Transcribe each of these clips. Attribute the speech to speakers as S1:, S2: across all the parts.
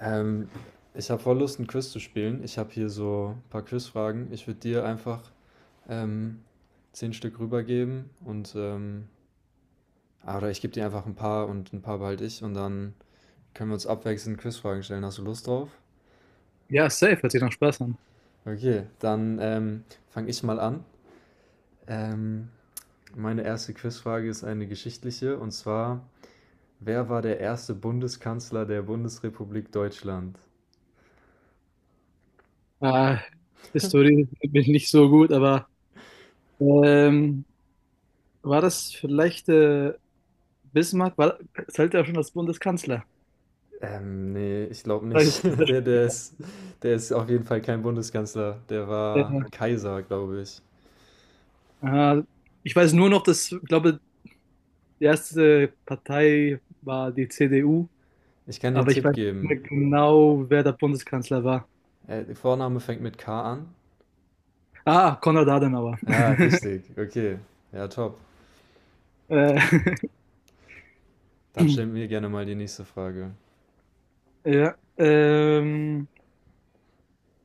S1: Ähm, Ich habe voll Lust, 'n Quiz zu spielen. Ich habe hier so ein paar Quizfragen. Ich würde dir einfach, ähm, 10 Stück rübergeben und oder ich gebe dir einfach ein paar und ein paar behalte ich und dann können wir uns abwechselnd Quizfragen stellen. Hast du Lust drauf?
S2: Ja, safe, hört sich nach Spaß an.
S1: Okay, dann fange ich mal an. Ähm, Meine erste Quizfrage ist eine geschichtliche, und zwar: Wer war der erste Bundeskanzler der Bundesrepublik Deutschland?
S2: Ah, Historie bin ich nicht so gut, aber ähm, war das vielleicht Bismarck? War, zählt ja schon als Bundeskanzler.
S1: Ne, ich glaube nicht.
S2: Vielleicht ist das-
S1: Der ist auf jeden Fall kein Bundeskanzler. Der
S2: äh,
S1: war Kaiser, glaube ich.
S2: ah, Ich weiß nur noch, dass, ich glaube, die erste Partei war die CDU,
S1: Ich kann dir einen
S2: aber ich
S1: Tipp
S2: weiß nicht
S1: geben.
S2: mehr genau, wer der Bundeskanzler war.
S1: Der Vorname fängt mit K an.
S2: Ah, Konrad Adenauer.
S1: Ja, richtig. Okay. Ja, top.
S2: Äh,
S1: Dann stell mir gerne mal die nächste Frage.
S2: ja,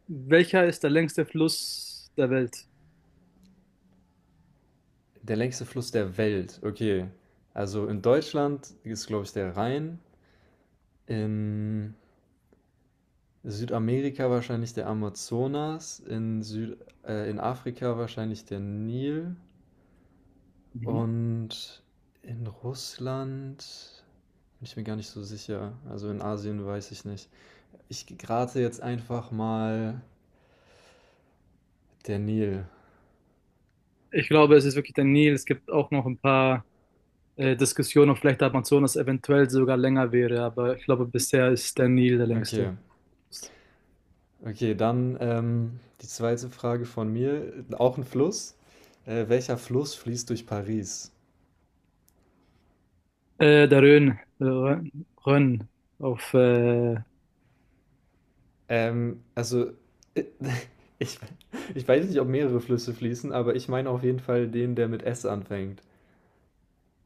S2: welcher ist der längste Fluss der Welt?
S1: Der längste Fluss der Welt. Okay. Also, in Deutschland ist, glaube ich, der Rhein. In Südamerika wahrscheinlich der Amazonas. In Afrika wahrscheinlich der Nil.
S2: Mhm.
S1: Und in Russland bin ich mir gar nicht so sicher. Also in Asien weiß ich nicht. Ich rate jetzt einfach mal der Nil.
S2: Ich glaube, es ist wirklich der Nil. Es gibt auch noch ein paar Diskussionen, ob vielleicht der Amazonas eventuell sogar länger wäre, aber ich glaube, bisher ist der Nil der
S1: Okay.
S2: längste.
S1: Okay, dann die zweite Frage von mir. Auch ein Fluss. Welcher Fluss fließt durch Paris?
S2: Der Rhön, Rhön, Rhön auf,
S1: Also, äh, ich, ich weiß nicht, ob mehrere Flüsse fließen, aber ich meine auf jeden Fall den, der mit S anfängt.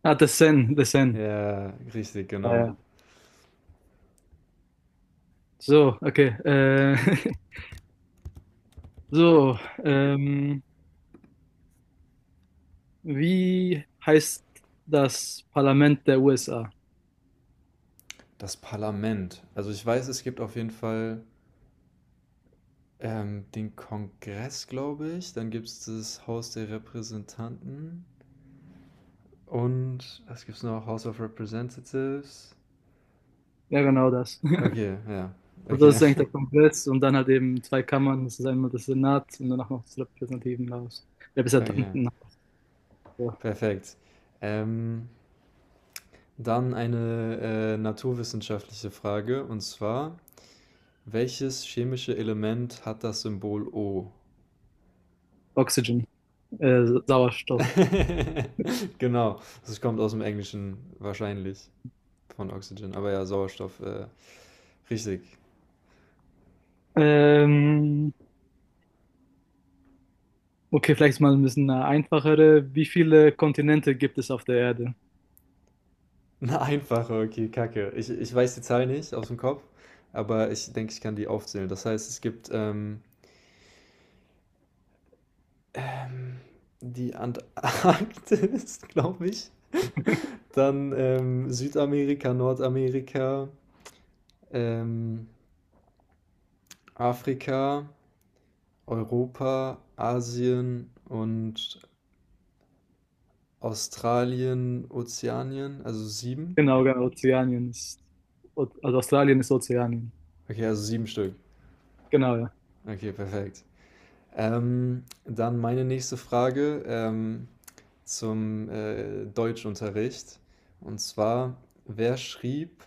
S2: Ah, der Seine, der Seine.
S1: Ja, richtig,
S2: Ja,
S1: genau.
S2: ja. So, okay. So, ähm, wie heißt das Parlament der USA?
S1: Das Parlament. Also ich weiß, es gibt auf jeden Fall den Kongress, glaube ich. Dann gibt es das Haus der Repräsentanten. Und was gibt es noch? House of Representatives.
S2: Ja, genau das.
S1: Okay, ja.
S2: Also, das
S1: Okay,
S2: ist eigentlich der Kongress und dann halt eben zwei Kammern, das ist einmal das Senat und danach noch das Repräsentativenhaus.
S1: okay.
S2: Repräsentantenhaus. Ja.
S1: Perfekt. Ähm, Dann eine naturwissenschaftliche Frage. Und zwar, welches chemische Element hat das Symbol O?
S2: Oxygen, Sauerstoff.
S1: Genau, das kommt aus dem Englischen wahrscheinlich. Von Oxygen. Aber ja, Sauerstoff, richtig.
S2: Ähm, okay, vielleicht mal ein bisschen eine einfachere. Wie viele Kontinente gibt es auf der Erde?
S1: Eine einfache, okay, Kacke. Ich weiß die Zahl nicht aus dem Kopf, aber ich denke, ich kann die aufzählen. Das heißt, es gibt die Antarktis, glaube ich. Dann Südamerika, Nordamerika, ähm, Afrika, Europa, Asien und Australien, Ozeanien. Also sieben.
S2: Genau, genau, also Australien ist Ozeanien.
S1: Okay, also sieben Stück.
S2: Genau, ja.
S1: Okay, perfekt. Dann meine nächste Frage zum Deutschunterricht. Und zwar, wer schrieb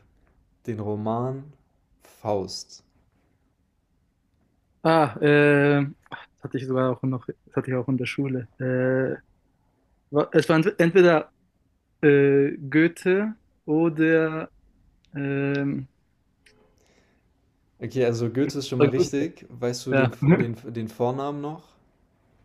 S1: den Roman Faust?
S2: Ah, äh, Das hatte ich sogar auch noch, das hatte ich auch in der Schule. Es war entweder Goethe oder, ähm,
S1: Okay, also Goethe ist schon mal
S2: oder Goethe,
S1: richtig. Weißt du
S2: ja.
S1: den, den, den Vornamen noch?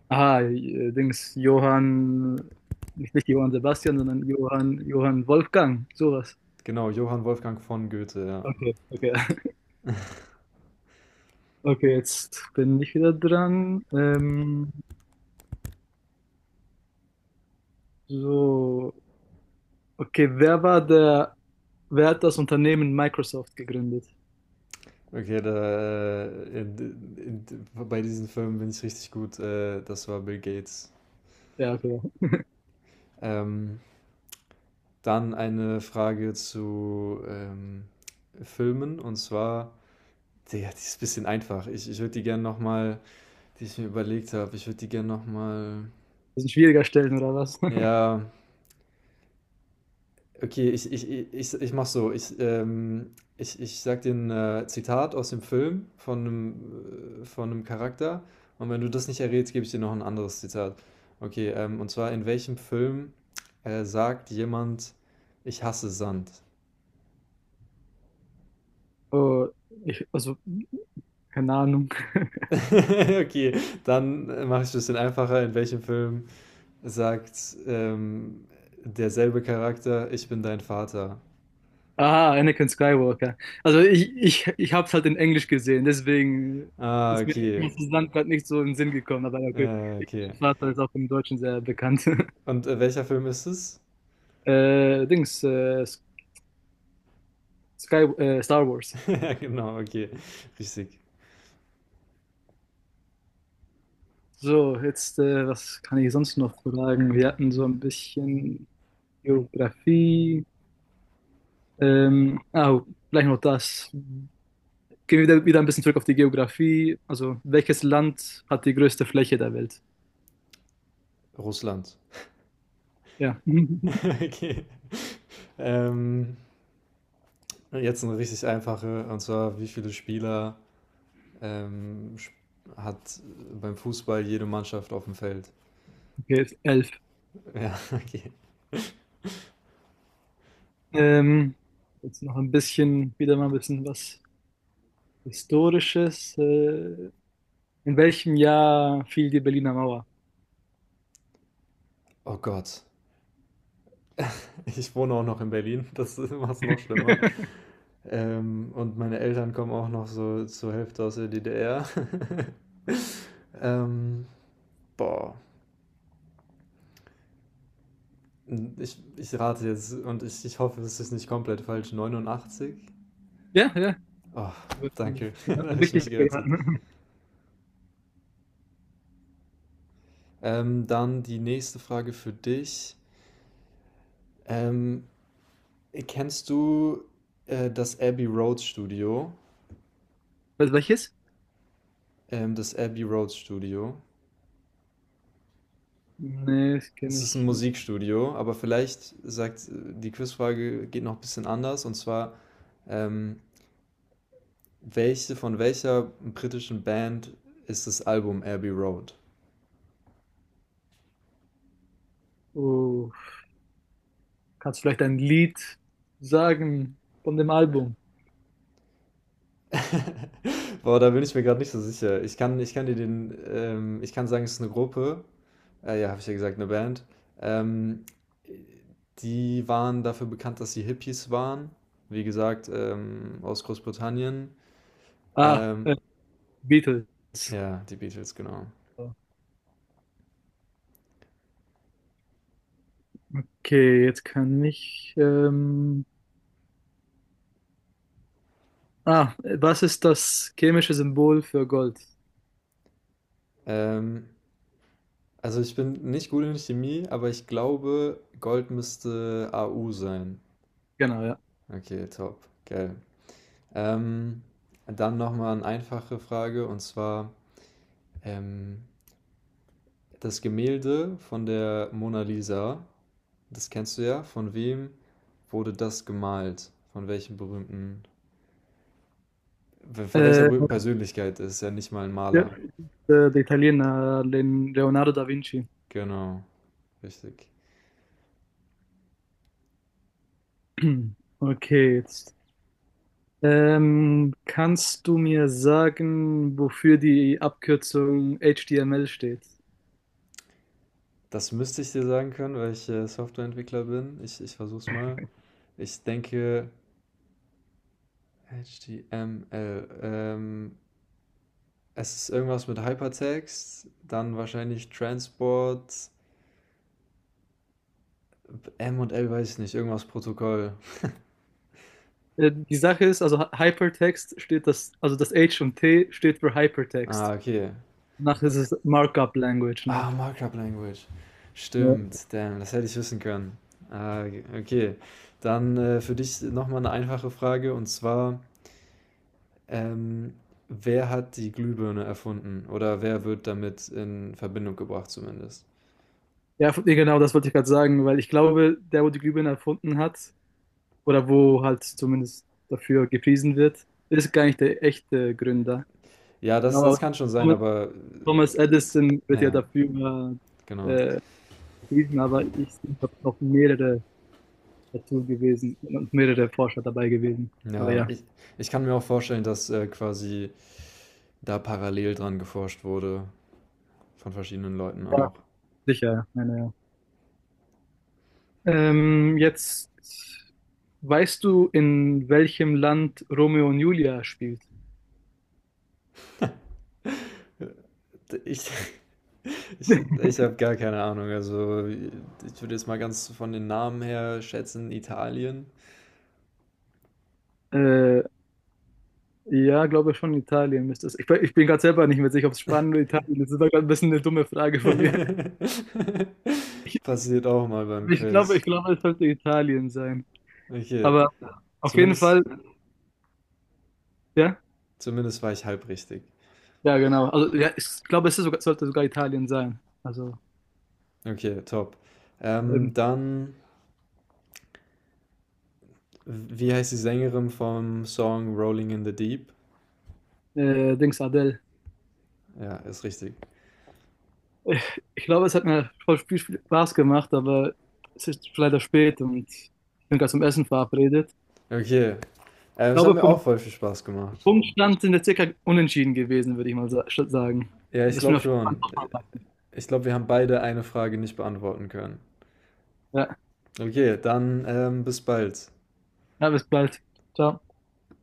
S2: Dings, Johann, nicht, nicht Johann Sebastian, sondern Johann Wolfgang, sowas.
S1: Genau, Johann Wolfgang von Goethe, ja.
S2: Okay, okay. Okay, jetzt bin ich wieder dran. So, okay, wer hat das Unternehmen Microsoft gegründet?
S1: Okay, bei diesen Filmen bin ich richtig gut. Das war Bill Gates.
S2: Ja, okay.
S1: Ähm, Dann eine Frage zu Filmen und zwar ja, die ist ein bisschen einfach. Ich würde die gerne die ich mir überlegt habe, ich würde die gerne nochmal.
S2: Das ist ein schwieriger Stellen, oder was?
S1: Ja, okay, ich mach so. Ich sag dir ein Zitat aus dem Film von von einem Charakter. Und wenn du das nicht errätst, gebe ich dir noch ein anderes Zitat. Okay, und zwar: In welchem Film sagt jemand, ich hasse Sand?
S2: Oh, ich, also, keine Ahnung.
S1: Okay, dann mache ich es ein bisschen einfacher. In welchem Film sagt derselbe Charakter, ich bin dein Vater.
S2: Ah, Anakin Skywalker. Ich habe es halt in Englisch gesehen, deswegen
S1: Ah,
S2: ist mir
S1: okay.
S2: das Land gerade nicht so in den Sinn gekommen, aber ja, okay.
S1: Okay.
S2: Mein Vater ist auch im Deutschen sehr bekannt.
S1: Und welcher Film ist es?
S2: Äh, Dings, äh, Star Wars.
S1: Ja, genau, okay. Richtig.
S2: So, jetzt, was kann ich sonst noch fragen? Wir hatten so ein bisschen Geografie. Oh, Gleich noch das. Wieder ein bisschen zurück auf die Geografie. Also, welches Land hat die größte Fläche der Welt?
S1: Russland.
S2: Ja,
S1: Okay. Ähm, Jetzt eine richtig einfache, und zwar, wie viele Spieler ähm, hat beim Fußball jede Mannschaft auf dem Feld?
S2: okay, elf.
S1: Ja, okay.
S2: Ähm, jetzt noch ein bisschen, wieder mal ein bisschen was Historisches. In welchem Jahr fiel die Berliner Mauer?
S1: Oh Gott. Ich wohne auch noch in Berlin, das macht es noch schlimmer. Und meine Eltern kommen auch noch so zur Hälfte aus der DDR. ähm, Boah, ich rate jetzt und ich hoffe, es ist nicht komplett falsch. 89?
S2: Ja, ja.
S1: Oh,
S2: Das wird ein-
S1: danke, da
S2: ein
S1: habe ich
S2: Richtig
S1: mich gerettet.
S2: geraten.
S1: Dann die nächste Frage für dich. Ähm, Kennst du das Abbey Road Studio?
S2: Was, welches?
S1: Das Abbey Road Studio.
S2: Nee, das
S1: Es
S2: kenne
S1: ist ein
S2: ich nicht.
S1: Musikstudio, aber vielleicht sagt die Quizfrage geht noch ein bisschen anders. Und zwar, Ähm, von welcher britischen Band ist das Album Abbey Road?
S2: Oh, kannst du vielleicht ein Lied sagen von dem Album?
S1: Boah, da bin ich mir gerade nicht so sicher. Ich kann dir ich kann sagen, es ist eine Gruppe. Ja, habe ich ja gesagt, eine Band. Ähm, Die waren dafür bekannt, dass sie Hippies waren. Wie gesagt, aus Großbritannien.
S2: Ah,
S1: Ähm,
S2: äh, Beatles.
S1: ja, die Beatles, genau.
S2: Okay, jetzt kann ich. Was ist das chemische Symbol für Gold?
S1: Ähm, also ich bin nicht gut in Chemie, aber ich glaube, Gold müsste AU sein.
S2: Genau, ja.
S1: Okay, top. Geil. Ähm, Dann nochmal eine einfache Frage, und zwar ähm, das Gemälde von der Mona Lisa, das kennst du ja, von wem wurde das gemalt? Von welcher
S2: Äh,
S1: berühmten Persönlichkeit? Das ist ja nicht mal ein
S2: ja.
S1: Maler.
S2: Der Italiener Leonardo da Vinci.
S1: Genau, richtig.
S2: Okay, jetzt. Kannst du mir sagen, wofür die Abkürzung HTML steht?
S1: Das müsste ich dir sagen können, weil ich Softwareentwickler bin. Ich versuch's mal. Ich denke, HTML. Es ist irgendwas mit Hypertext, dann wahrscheinlich Transport, M und L weiß ich nicht, irgendwas Protokoll.
S2: Die Sache ist, also Hypertext steht das, also das H und T steht für
S1: Ah,
S2: Hypertext.
S1: okay.
S2: Danach ist es Markup Language noch.
S1: Ah, Markup Language.
S2: Ja,
S1: Stimmt, damn, das hätte ich wissen können. Ah, okay. Dann für dich nochmal eine einfache Frage, und zwar, ähm, wer hat die Glühbirne erfunden oder wer wird damit in Verbindung gebracht zumindest?
S2: ja nee, genau, das wollte ich gerade sagen, weil ich glaube, der, wo die Glühbirne erfunden hat, oder wo halt zumindest dafür gepriesen wird, ist gar nicht der echte Gründer.
S1: Ja,
S2: Ich
S1: das
S2: glaube,
S1: kann schon sein, aber
S2: Thomas Edison wird ja
S1: ja,
S2: dafür
S1: genau.
S2: äh, gepriesen, aber ich habe noch mehrere dazu gewesen und mehrere Forscher dabei gewesen. Aber
S1: Ja,
S2: ja,
S1: ich kann mir auch vorstellen, dass quasi da parallel dran geforscht wurde von verschiedenen Leuten
S2: ja
S1: auch.
S2: sicher. Meine, ja. Jetzt weißt du, in welchem Land Romeo und Julia spielt?
S1: Ich, ich habe gar keine Ahnung. Also, ich würde jetzt mal ganz von den Namen her schätzen, Italien.
S2: Äh, ja, glaube schon Italien müsste es. Ich bin gerade selber nicht mehr sicher, ob es Spanien oder Italien ist. Das war gerade ein bisschen eine dumme Frage von mir. Ich,
S1: Passiert auch mal beim Quiz.
S2: ich glaube, es sollte Italien sein.
S1: Okay,
S2: Aber auf jeden
S1: zumindest,
S2: Fall, ja.
S1: zumindest war ich halb richtig.
S2: Ja, genau. Also, ja, ich glaube, es ist sogar, sollte sogar Italien sein. Also,
S1: Okay, top. Ähm,
S2: eben,
S1: dann, wie heißt die Sängerin vom Song Rolling in the Deep?
S2: Dings Adele.
S1: Ja, ist richtig.
S2: Ich, ich glaube, es hat mir voll viel Spaß gemacht, aber es ist leider spät und ich bin gerade zum Essen verabredet.
S1: Okay,
S2: Ich
S1: es hat
S2: glaube,
S1: mir auch
S2: vom
S1: voll viel Spaß gemacht.
S2: Punktstand sind wir circa unentschieden gewesen, würde ich mal sagen.
S1: Ja, ich
S2: Bis mir
S1: glaube
S2: auf jeden
S1: schon.
S2: Fall.
S1: Ich glaube, wir haben beide eine Frage nicht beantworten können.
S2: Ja,
S1: Okay, dann bis bald.
S2: ja, bis bald. Ciao.